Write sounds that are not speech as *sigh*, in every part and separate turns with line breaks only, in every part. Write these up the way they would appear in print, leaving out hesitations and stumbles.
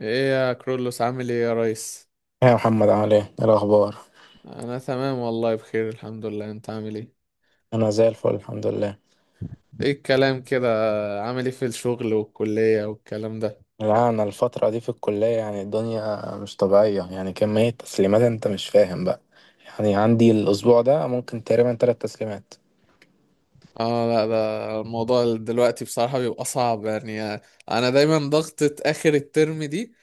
ايه يا كرولوس؟ عامل ايه يا ريس؟
يا محمد عامل ايه؟ إيه الأخبار؟
انا تمام والله، بخير الحمد لله. انت عامل ايه؟
أنا زي الفل الحمد لله.
ايه الكلام كده؟ عامل ايه في الشغل والكلية والكلام ده؟
لا أنا الفترة دي في الكلية يعني الدنيا مش طبيعية، يعني كمية تسليمات أنت مش فاهم بقى. يعني عندي الأسبوع ده ممكن تقريبا 3 تسليمات.
اه لا ده الموضوع دلوقتي بصراحة بيبقى صعب يعني. انا دايما ضغطة اخر الترم دي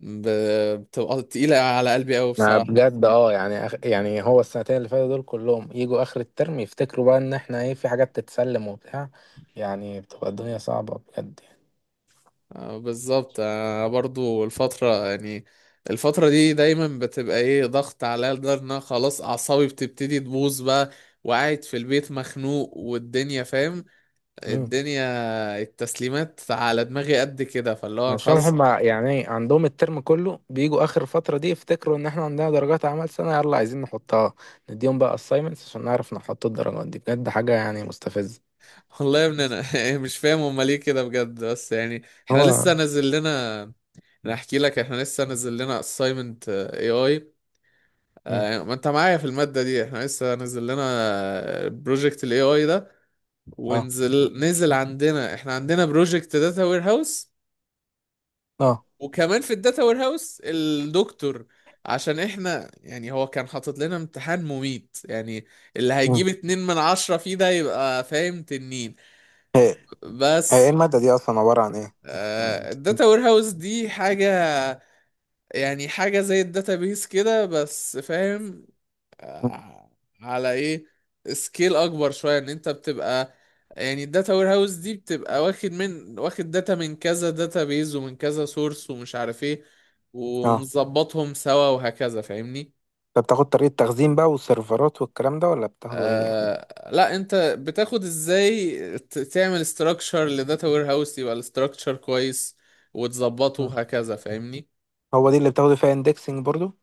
بتبقى تقيلة على قلبي قوي
ما
بصراحة.
بجد يعني يعني هو السنتين اللي فاتوا دول كلهم يجوا آخر الترم يفتكروا بقى إن احنا ايه في حاجات تتسلم وبتاع. يعني بتبقى الدنيا صعبة بجد يعني.
بالظبط. برضو الفترة يعني، الفترة دي دايما بتبقى ايه ضغط عليا لدرجة ان أنا خلاص اعصابي بتبتدي تبوظ بقى، وقاعد في البيت مخنوق والدنيا فاهم.
مم.
الدنيا التسليمات على دماغي قد كده، فاللي هو
عشان
خلاص.
هما يعني عندهم الترم كله بيجوا اخر الفتره دي يفتكروا ان احنا عندنا درجات اعمال سنه يلا عايزين نحطها نديهم بقى assignments عشان نعرف نحط الدرجات دي. بجد حاجه يعني مستفزه.
*laughs* والله يا ابني انا *laughs* مش فاهم هما ليه كده بجد، بس يعني احنا لسه
هو
نازل لنا. انا احكي لك، احنا لسه نازل لنا assignment اي اي.
مم.
ما انت معايا في المادة دي، احنا لسه نازل لنا بروجكت الاي اي ده،
اه
ونزل عندنا، احنا عندنا بروجكت داتا وير هاوس،
اه
وكمان في الداتا وير هاوس الدكتور، عشان احنا يعني هو كان حاطط لنا امتحان مميت يعني، اللي
مم.
هيجيب 2 من 10 فيه ده يبقى فاهم تنين
هي هي ايه
بس.
الماده دي اصلا عباره عن ايه يعني
الداتا وير هاوس دي حاجة يعني حاجة زي الداتابيس كده بس فاهم؟
مم.
آه، على ايه، سكيل اكبر شويه، ان انت بتبقى يعني الداتا وير هاوس دي بتبقى واخد، واخد داتا من كذا داتا بيز ومن كذا سورس ومش عارف ايه،
اه
ومظبطهم سوا وهكذا فاهمني؟
انت بتاخد طريقه تخزين بقى والسيرفرات والكلام ده ولا بتاخده ايه يعني.
آه لا، انت بتاخد ازاي تعمل استراكشر لداتا وير هاوس يبقى الاستراكشر كويس وتظبطه
مم.
وهكذا فاهمني.
هو دي اللي بتاخده فيها اندكسنج برضو.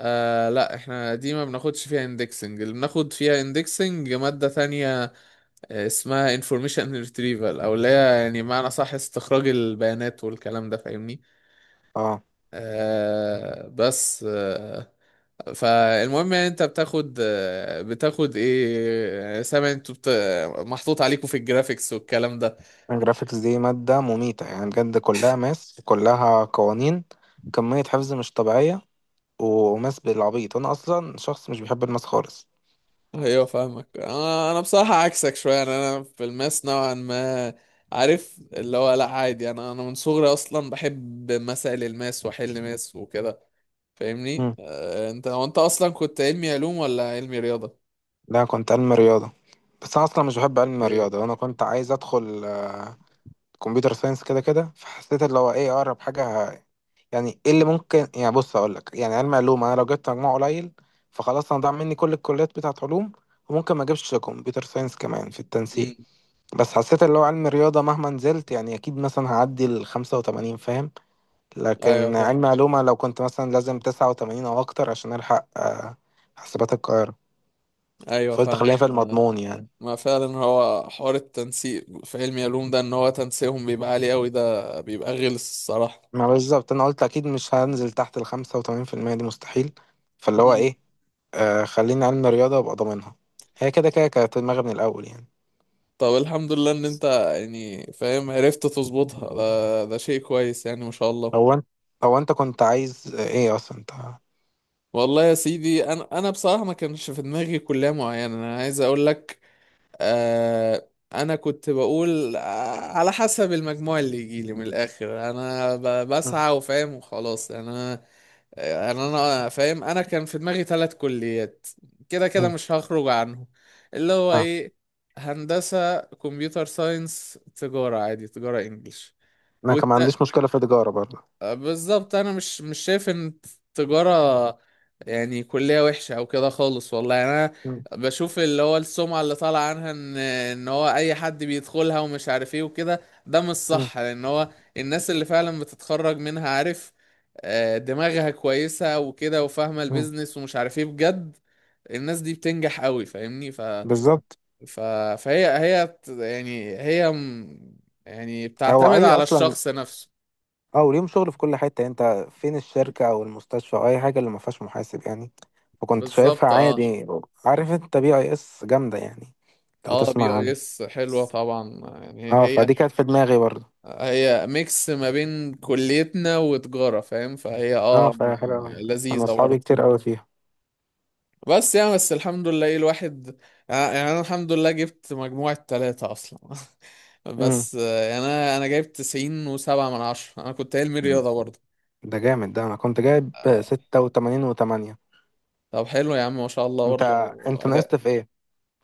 آه لا احنا دي ما بناخدش فيها اندكسنج، اللي بناخد فيها اندكسنج مادة تانية اسمها انفورميشن retrieval، او اللي هي يعني معنى صح استخراج البيانات والكلام ده فاهمني.
اه
آه بس آه فالمهم يعني انت بتاخد بتاخد ايه، سامع انتوا محطوط عليكم في الجرافيكس والكلام ده؟
الجرافيكس دي ماده مميته يعني بجد، كلها ماس كلها قوانين، كميه حفظ مش طبيعيه. وماس بالعبيط، انا اصلا شخص مش بيحب الماس خالص.
ايوه فاهمك. انا بصراحة عكسك شوية، يعني انا في الماس نوعا ما عارف اللي هو لا عادي، انا من صغري اصلا بحب مسائل الماس واحل ماس وكده فاهمني.
مم.
انت هو انت اصلا كنت علمي علوم ولا علمي رياضه؟
لا كنت علم رياضه. بس انا اصلا مش بحب علم
ايه؟
الرياضه، انا كنت عايز ادخل كمبيوتر ساينس كده كده. فحسيت اللي هو ايه اقرب حاجه يعني ايه اللي ممكن. يعني بص اقول لك، يعني علم علوم انا لو جبت مجموع قليل فخلاص انا ضاع مني كل الكليات بتاعت علوم، وممكن ما اجيبش كمبيوتر ساينس كمان في التنسيق.
امم،
بس حسيت اللي هو علم الرياضه مهما نزلت يعني اكيد مثلا هعدي ال 85 فاهم.
ايوه
لكن
فاهم،
علم علومة لو كنت مثلا لازم 89 أو أكتر عشان ألحق حاسبات القاهرة.
ايوه
فقلت
فاهم.
خلينا في المضمون يعني.
ما فعلا هو حوار التنسيق في علمي علوم ده ان هو تنسيقهم بيبقى عالي قوي، ده بيبقى غلس الصراحه.
ما بالظبط، أنا قلت أكيد مش هنزل تحت 85% دي مستحيل. فاللي هو
مم.
إيه، آه خليني علم رياضة وأبقى ضامنها. هي كده كده كانت في دماغي من الأول يعني.
طب الحمد لله ان انت يعني فاهم عرفت تظبطها، ده ده شيء كويس يعني ما شاء الله.
هو أنت هو أنت كنت عايز إيه أصلا أنت؟
والله يا سيدي انا، بصراحه ما كانش في دماغي كليه معينه، انا عايز اقول لك آه، انا كنت بقول على حسب المجموع اللي يجيلي من الاخر انا
مم.
بسعى وفاهم وخلاص يعني انا. فاهم، انا كان في دماغي 3 كليات كده كده
مم.
مش هخرج عنهم، اللي هو
آه.
ايه، هندسة، كمبيوتر ساينس، تجارة عادي، تجارة انجليش.
أنا كان ما عنديش مشكلة في التجارة برضه.
بالظبط، انا مش مش شايف ان التجارة يعني كلية وحشة او كده خالص والله. يعني انا
مم.
بشوف اللي هو السمعة اللي طالع عنها ان ان هو اي حد بيدخلها ومش عارف ايه وكده، ده مش
مم.
صح، لان هو الناس اللي فعلا بتتخرج منها عارف دماغها كويسة وكده وفاهمة
مم.
البيزنس ومش عارف ايه بجد. الناس دي بتنجح قوي فاهمني. ف...
بالظبط.
ف... فهي هي بت- يعني هي م- يعني
هو
بتعتمد
أي
على
أصلا.
الشخص نفسه.
اه وليهم شغل في كل حتة، انت فين الشركة او المستشفى او اي حاجة اللي ما فيهاش محاسب يعني. فكنت شايفها
بالظبط اه.
عادي. عارف انت بي اي اس جامدة يعني. لو
اه بي
تسمع
اي
عنها.
اس حلوة طبعا يعني
اه
هي،
فدي كانت في دماغي برضه.
هي ميكس ما بين كليتنا وتجارة فاهم،
اه فهي حلوة اوي. انا
لذيذة
اصحابي
برضه.
كتير قوي فيها.
بس يعني بس الحمد لله، ايه الواحد يعني، يعني انا الحمد لله جبت مجموعة 3 اصلا. *laughs*
امم.
بس انا جايب 97 من 10، انا كنت علمي رياضة برضه.
ده جامد. ده انا كنت جايب
آه،
86.8.
طب حلو يا عم ما شاء الله
انت
برضه.
انت ناقصت
اداء.
في ايه؟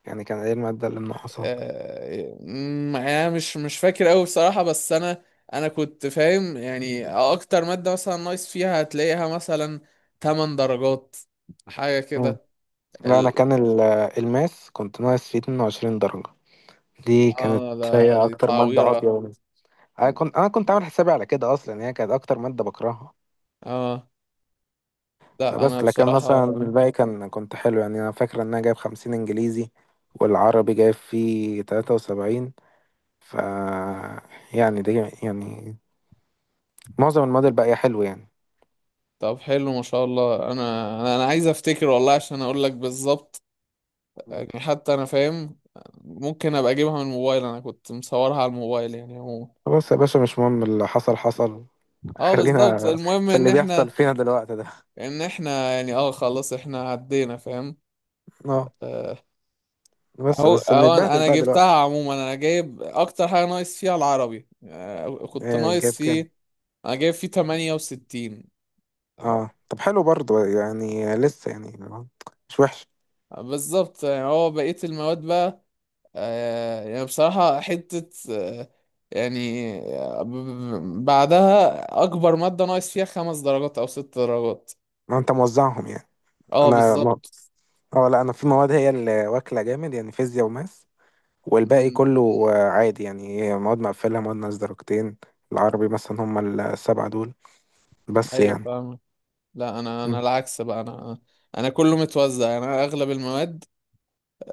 يعني كان ايه المادة اللي ناقصاك؟
يعني انا مش مش فاكر قوي بصراحة، بس انا، انا كنت فاهم يعني اكتر مادة مثلا ناقص فيها هتلاقيها مثلا 8 درجات حاجة
مم.
كده.
لا انا
ال...
كان الماس كنت ناقص فيه 22 درجة. دي كانت
اه
هي
ده دي
اكتر مادة
تعويرة.
قاضية. انا كنت عامل حسابي على كده اصلا، يعني هي كانت اكتر ماده بكرهها.
اه لا انا
فبس لكن مثلا
بصراحة.
الباقي كان كنت حلو يعني، انا فاكر ان انا جايب 50 انجليزي والعربي جايب فيه 73. ف يعني دي يعني معظم المواد الباقيه حلو يعني.
طب حلو ما شاء الله. انا عايز افتكر والله عشان اقول لك بالظبط،
مم.
يعني حتى انا فاهم ممكن ابقى اجيبها من الموبايل، انا كنت مصورها على الموبايل يعني هو.
خلاص يا باشا، مش مهم اللي حصل حصل.
اه بالظبط،
خلينا
المهم
في
ان
اللي بيحصل
احنا،
فينا دلوقتي ده.
لان احنا يعني اه خلاص احنا عدينا فاهم.
اه
آه،
بس
اهو
بس
اهو، انا
بنتبهدل
أنا
بقى دلوقتي.
جبتها عموما. انا جايب اكتر حاجه ناقص فيها العربي، كنت
يعني
ناقص
جايب كام؟
فيه، انا جايب فيه 68 أهو.
اه طب حلو برضو، يعني لسه يعني مش وحش.
بالظبط، يعني هو بقيه المواد بقى، آه، يعني بصراحه حته آه، يعني آه، ب- ب- بعدها اكبر ماده ناقص فيها 5 درجات او 6 درجات.
ما انت موزعهم يعني.
اه
انا
بالظبط.
اه لا انا في مواد هي اللي واكله جامد يعني فيزياء وماس، والباقي
مم.
كله عادي يعني. هي مواد مقفله مواد ناقص درجتين. العربي مثلا هم السبعه دول بس
ايوه
يعني.
فاهم. لا انا
مم.
انا العكس بقى، انا انا كله متوزع، انا اغلب المواد،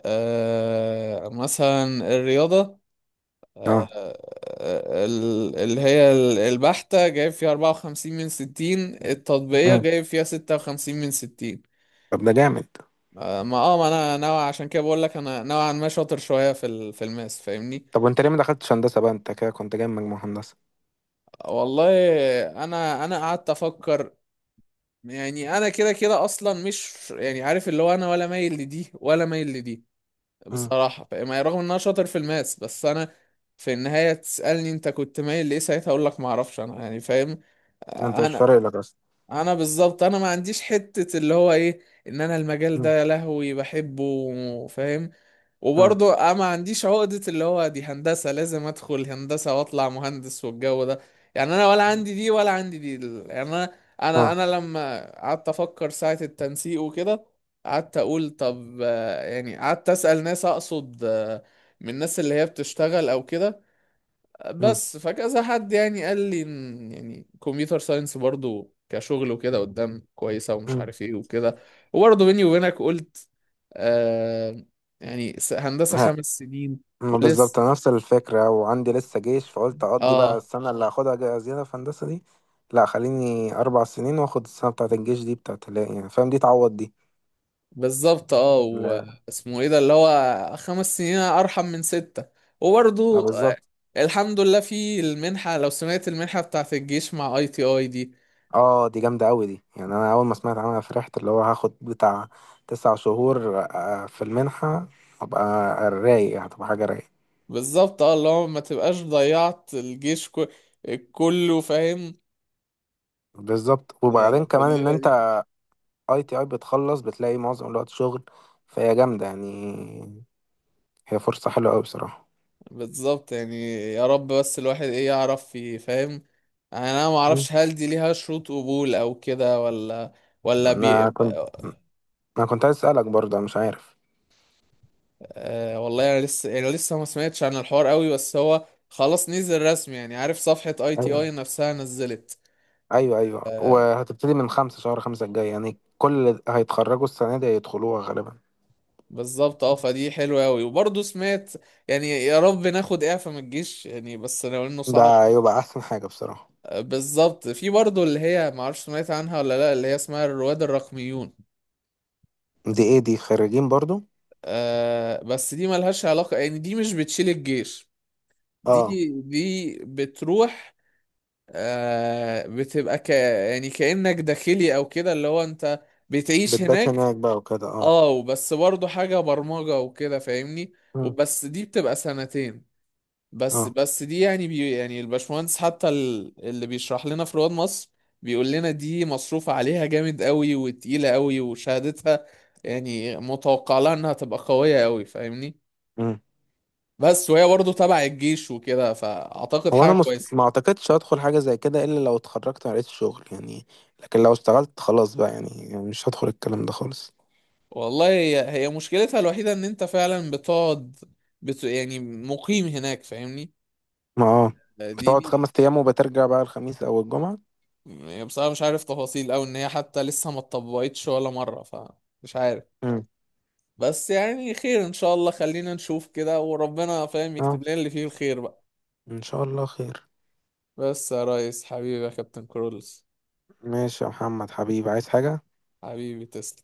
آه مثلا الرياضه
اه
البحته جايب فيها 54 من 60، التطبيقيه
مم.
جايب فيها 56 من 60.
طب ده جامد.
آه ما اه ما انا نوع عشان كده بقول لك انا نوعا ما شاطر شويه في الماس فاهمني.
طب وانت ليه ما دخلتش هندسه بقى؟ انت كده كنت جايب مجموع هندسه.
والله انا، قعدت افكر، يعني انا كده كده اصلا مش يعني عارف اللي هو انا ولا مايل لدي ولا مايل لدي
مم.
بصراحة فاهم. يعني رغم ان انا شاطر في الماس بس انا في النهاية تسألني انت كنت مايل لإيه ساعتها اقول لك ما اعرفش انا يعني فاهم.
انت مش
انا
فارق لك اصلا.
انا بالظبط انا ما عنديش حتة اللي هو ايه ان انا المجال
مم.
ده يا لهوي بحبه فاهم.
مم.
وبرضه أنا ما عنديش عقدة اللي هو دي هندسة لازم أدخل هندسة وأطلع مهندس والجو ده، يعني أنا ولا عندي دي ولا عندي دي. ال- يعني أنا أنا
اه
أنا لما قعدت أفكر ساعة التنسيق وكده قعدت أقول طب يعني قعدت أسأل ناس، أقصد من الناس اللي هي بتشتغل أو كده
مم.
بس، فكذا حد يعني قال لي إن يعني كمبيوتر ساينس برضه كشغل وكده قدام كويسة ومش
مم.
عارف إيه وكده. وبرضه بيني وبينك قلت آه يعني هندسة 5 سنين
ما بالظبط،
ولسه.
أنا نفس الفكرة وعندي لسه جيش، فقلت أقضي بقى
اه
السنة اللي هاخدها زيادة في هندسة دي. لا خليني 4 سنين وآخد السنة بتاعة الجيش دي بتاعة يعني فاهم، دي تعوض دي.
بالظبط. اه
لا
واسمه ايه ده، اللي هو 5 سنين ارحم من 6.
ما
وبرضو
بالظبط.
الحمد لله في المنحة، لو سمعت المنحة بتاعت الجيش مع اي تي اي دي.
اه دي جامدة أوي دي، يعني أنا أول ما سمعت عنها فرحت اللي هو هاخد بتاع 9 شهور في المنحة. هبقى رايق يعني، هتبقى حاجة رايقة.
بالظبط اه، اللي هو ما تبقاش ضيعت الجيش كله فاهم.
بالظبط. وبعدين
في
كمان إن
الليلة
أنت
دي
أي تي أي بتخلص بتلاقي معظم الوقت شغل، فهي جامدة يعني. هي فرصة حلوة أوي بصراحة.
بالظبط، يعني يا رب بس الواحد ايه يعرف فاهم، يعني انا ما
مم.
اعرفش هل دي ليها شروط قبول او كده، ولا ولا
أنا كنت
بيبقى.
انا كنت عايز اسالك برضه انا مش عارف.
آه والله انا لسه يعني لسه ما سمعتش عن الحوار قوي، بس هو خلاص نزل رسمي يعني عارف، صفحة اي تي
ايوه
اي نفسها نزلت.
ايوه ايوه،
آه
وهتبتدي من خمسة شهر خمسة الجاي يعني. كل اللي هيتخرجوا السنة دي هيدخلوها غالبا.
بالظبط اه، فدي حلوة قوي. وبرضه سمعت يعني، يا رب ناخد اعفاء من الجيش يعني، بس لو انه صعب.
ده يبقى احسن حاجة بصراحة.
آه بالظبط. في برضه اللي هي ما اعرفش سمعت عنها ولا لا، اللي هي اسمها الرواد الرقميون،
دي ايه؟ دي خريجين برضو؟
آه بس دي ملهاش علاقة يعني، دي مش بتشيل الجيش، دي
اه
دي بتروح، آه بتبقى ك يعني كأنك داخلي او كده، اللي هو انت بتعيش
بتبات
هناك.
هناك بقى وكده اه.
اه بس برضه حاجة برمجة وكده فاهمني،
مم.
وبس دي بتبقى سنتين. بس
اه
بس دي يعني بي، يعني الباشمهندس حتى اللي بيشرح لنا في رواد مصر بيقول لنا دي مصروف عليها جامد قوي وتقيلة قوي، وشهادتها يعني متوقع لها انها تبقى قوية قوي فاهمني.
مم.
بس وهي برضه تبع الجيش وكده، فاعتقد
هو انا
حاجه كويسه.
ما اعتقدش هدخل حاجة زي كده الا لو اتخرجت ما لقيتش شغل يعني. لكن لو اشتغلت خلاص بقى يعني، يعني مش هدخل الكلام ده خالص.
والله هي، هي مشكلتها الوحيده ان انت فعلا بتقعد يعني مقيم هناك فاهمني.
ما اه
دي
بتقعد
دي
5 ايام وبترجع بقى الخميس او الجمعة.
يعني بصراحه مش عارف تفاصيل، او ان هي حتى لسه ما اتطبقتش ولا مره فمش عارف.
مم.
بس يعني خير ان شاء الله، خلينا نشوف كده وربنا فاهم
اه
يكتب لنا اللي فيه الخير بقى.
ان شاء الله خير.
بس يا ريس حبيبي يا كابتن كرولز،
ماشي يا محمد حبيبي، عايز حاجة؟
حبيبي تسلم.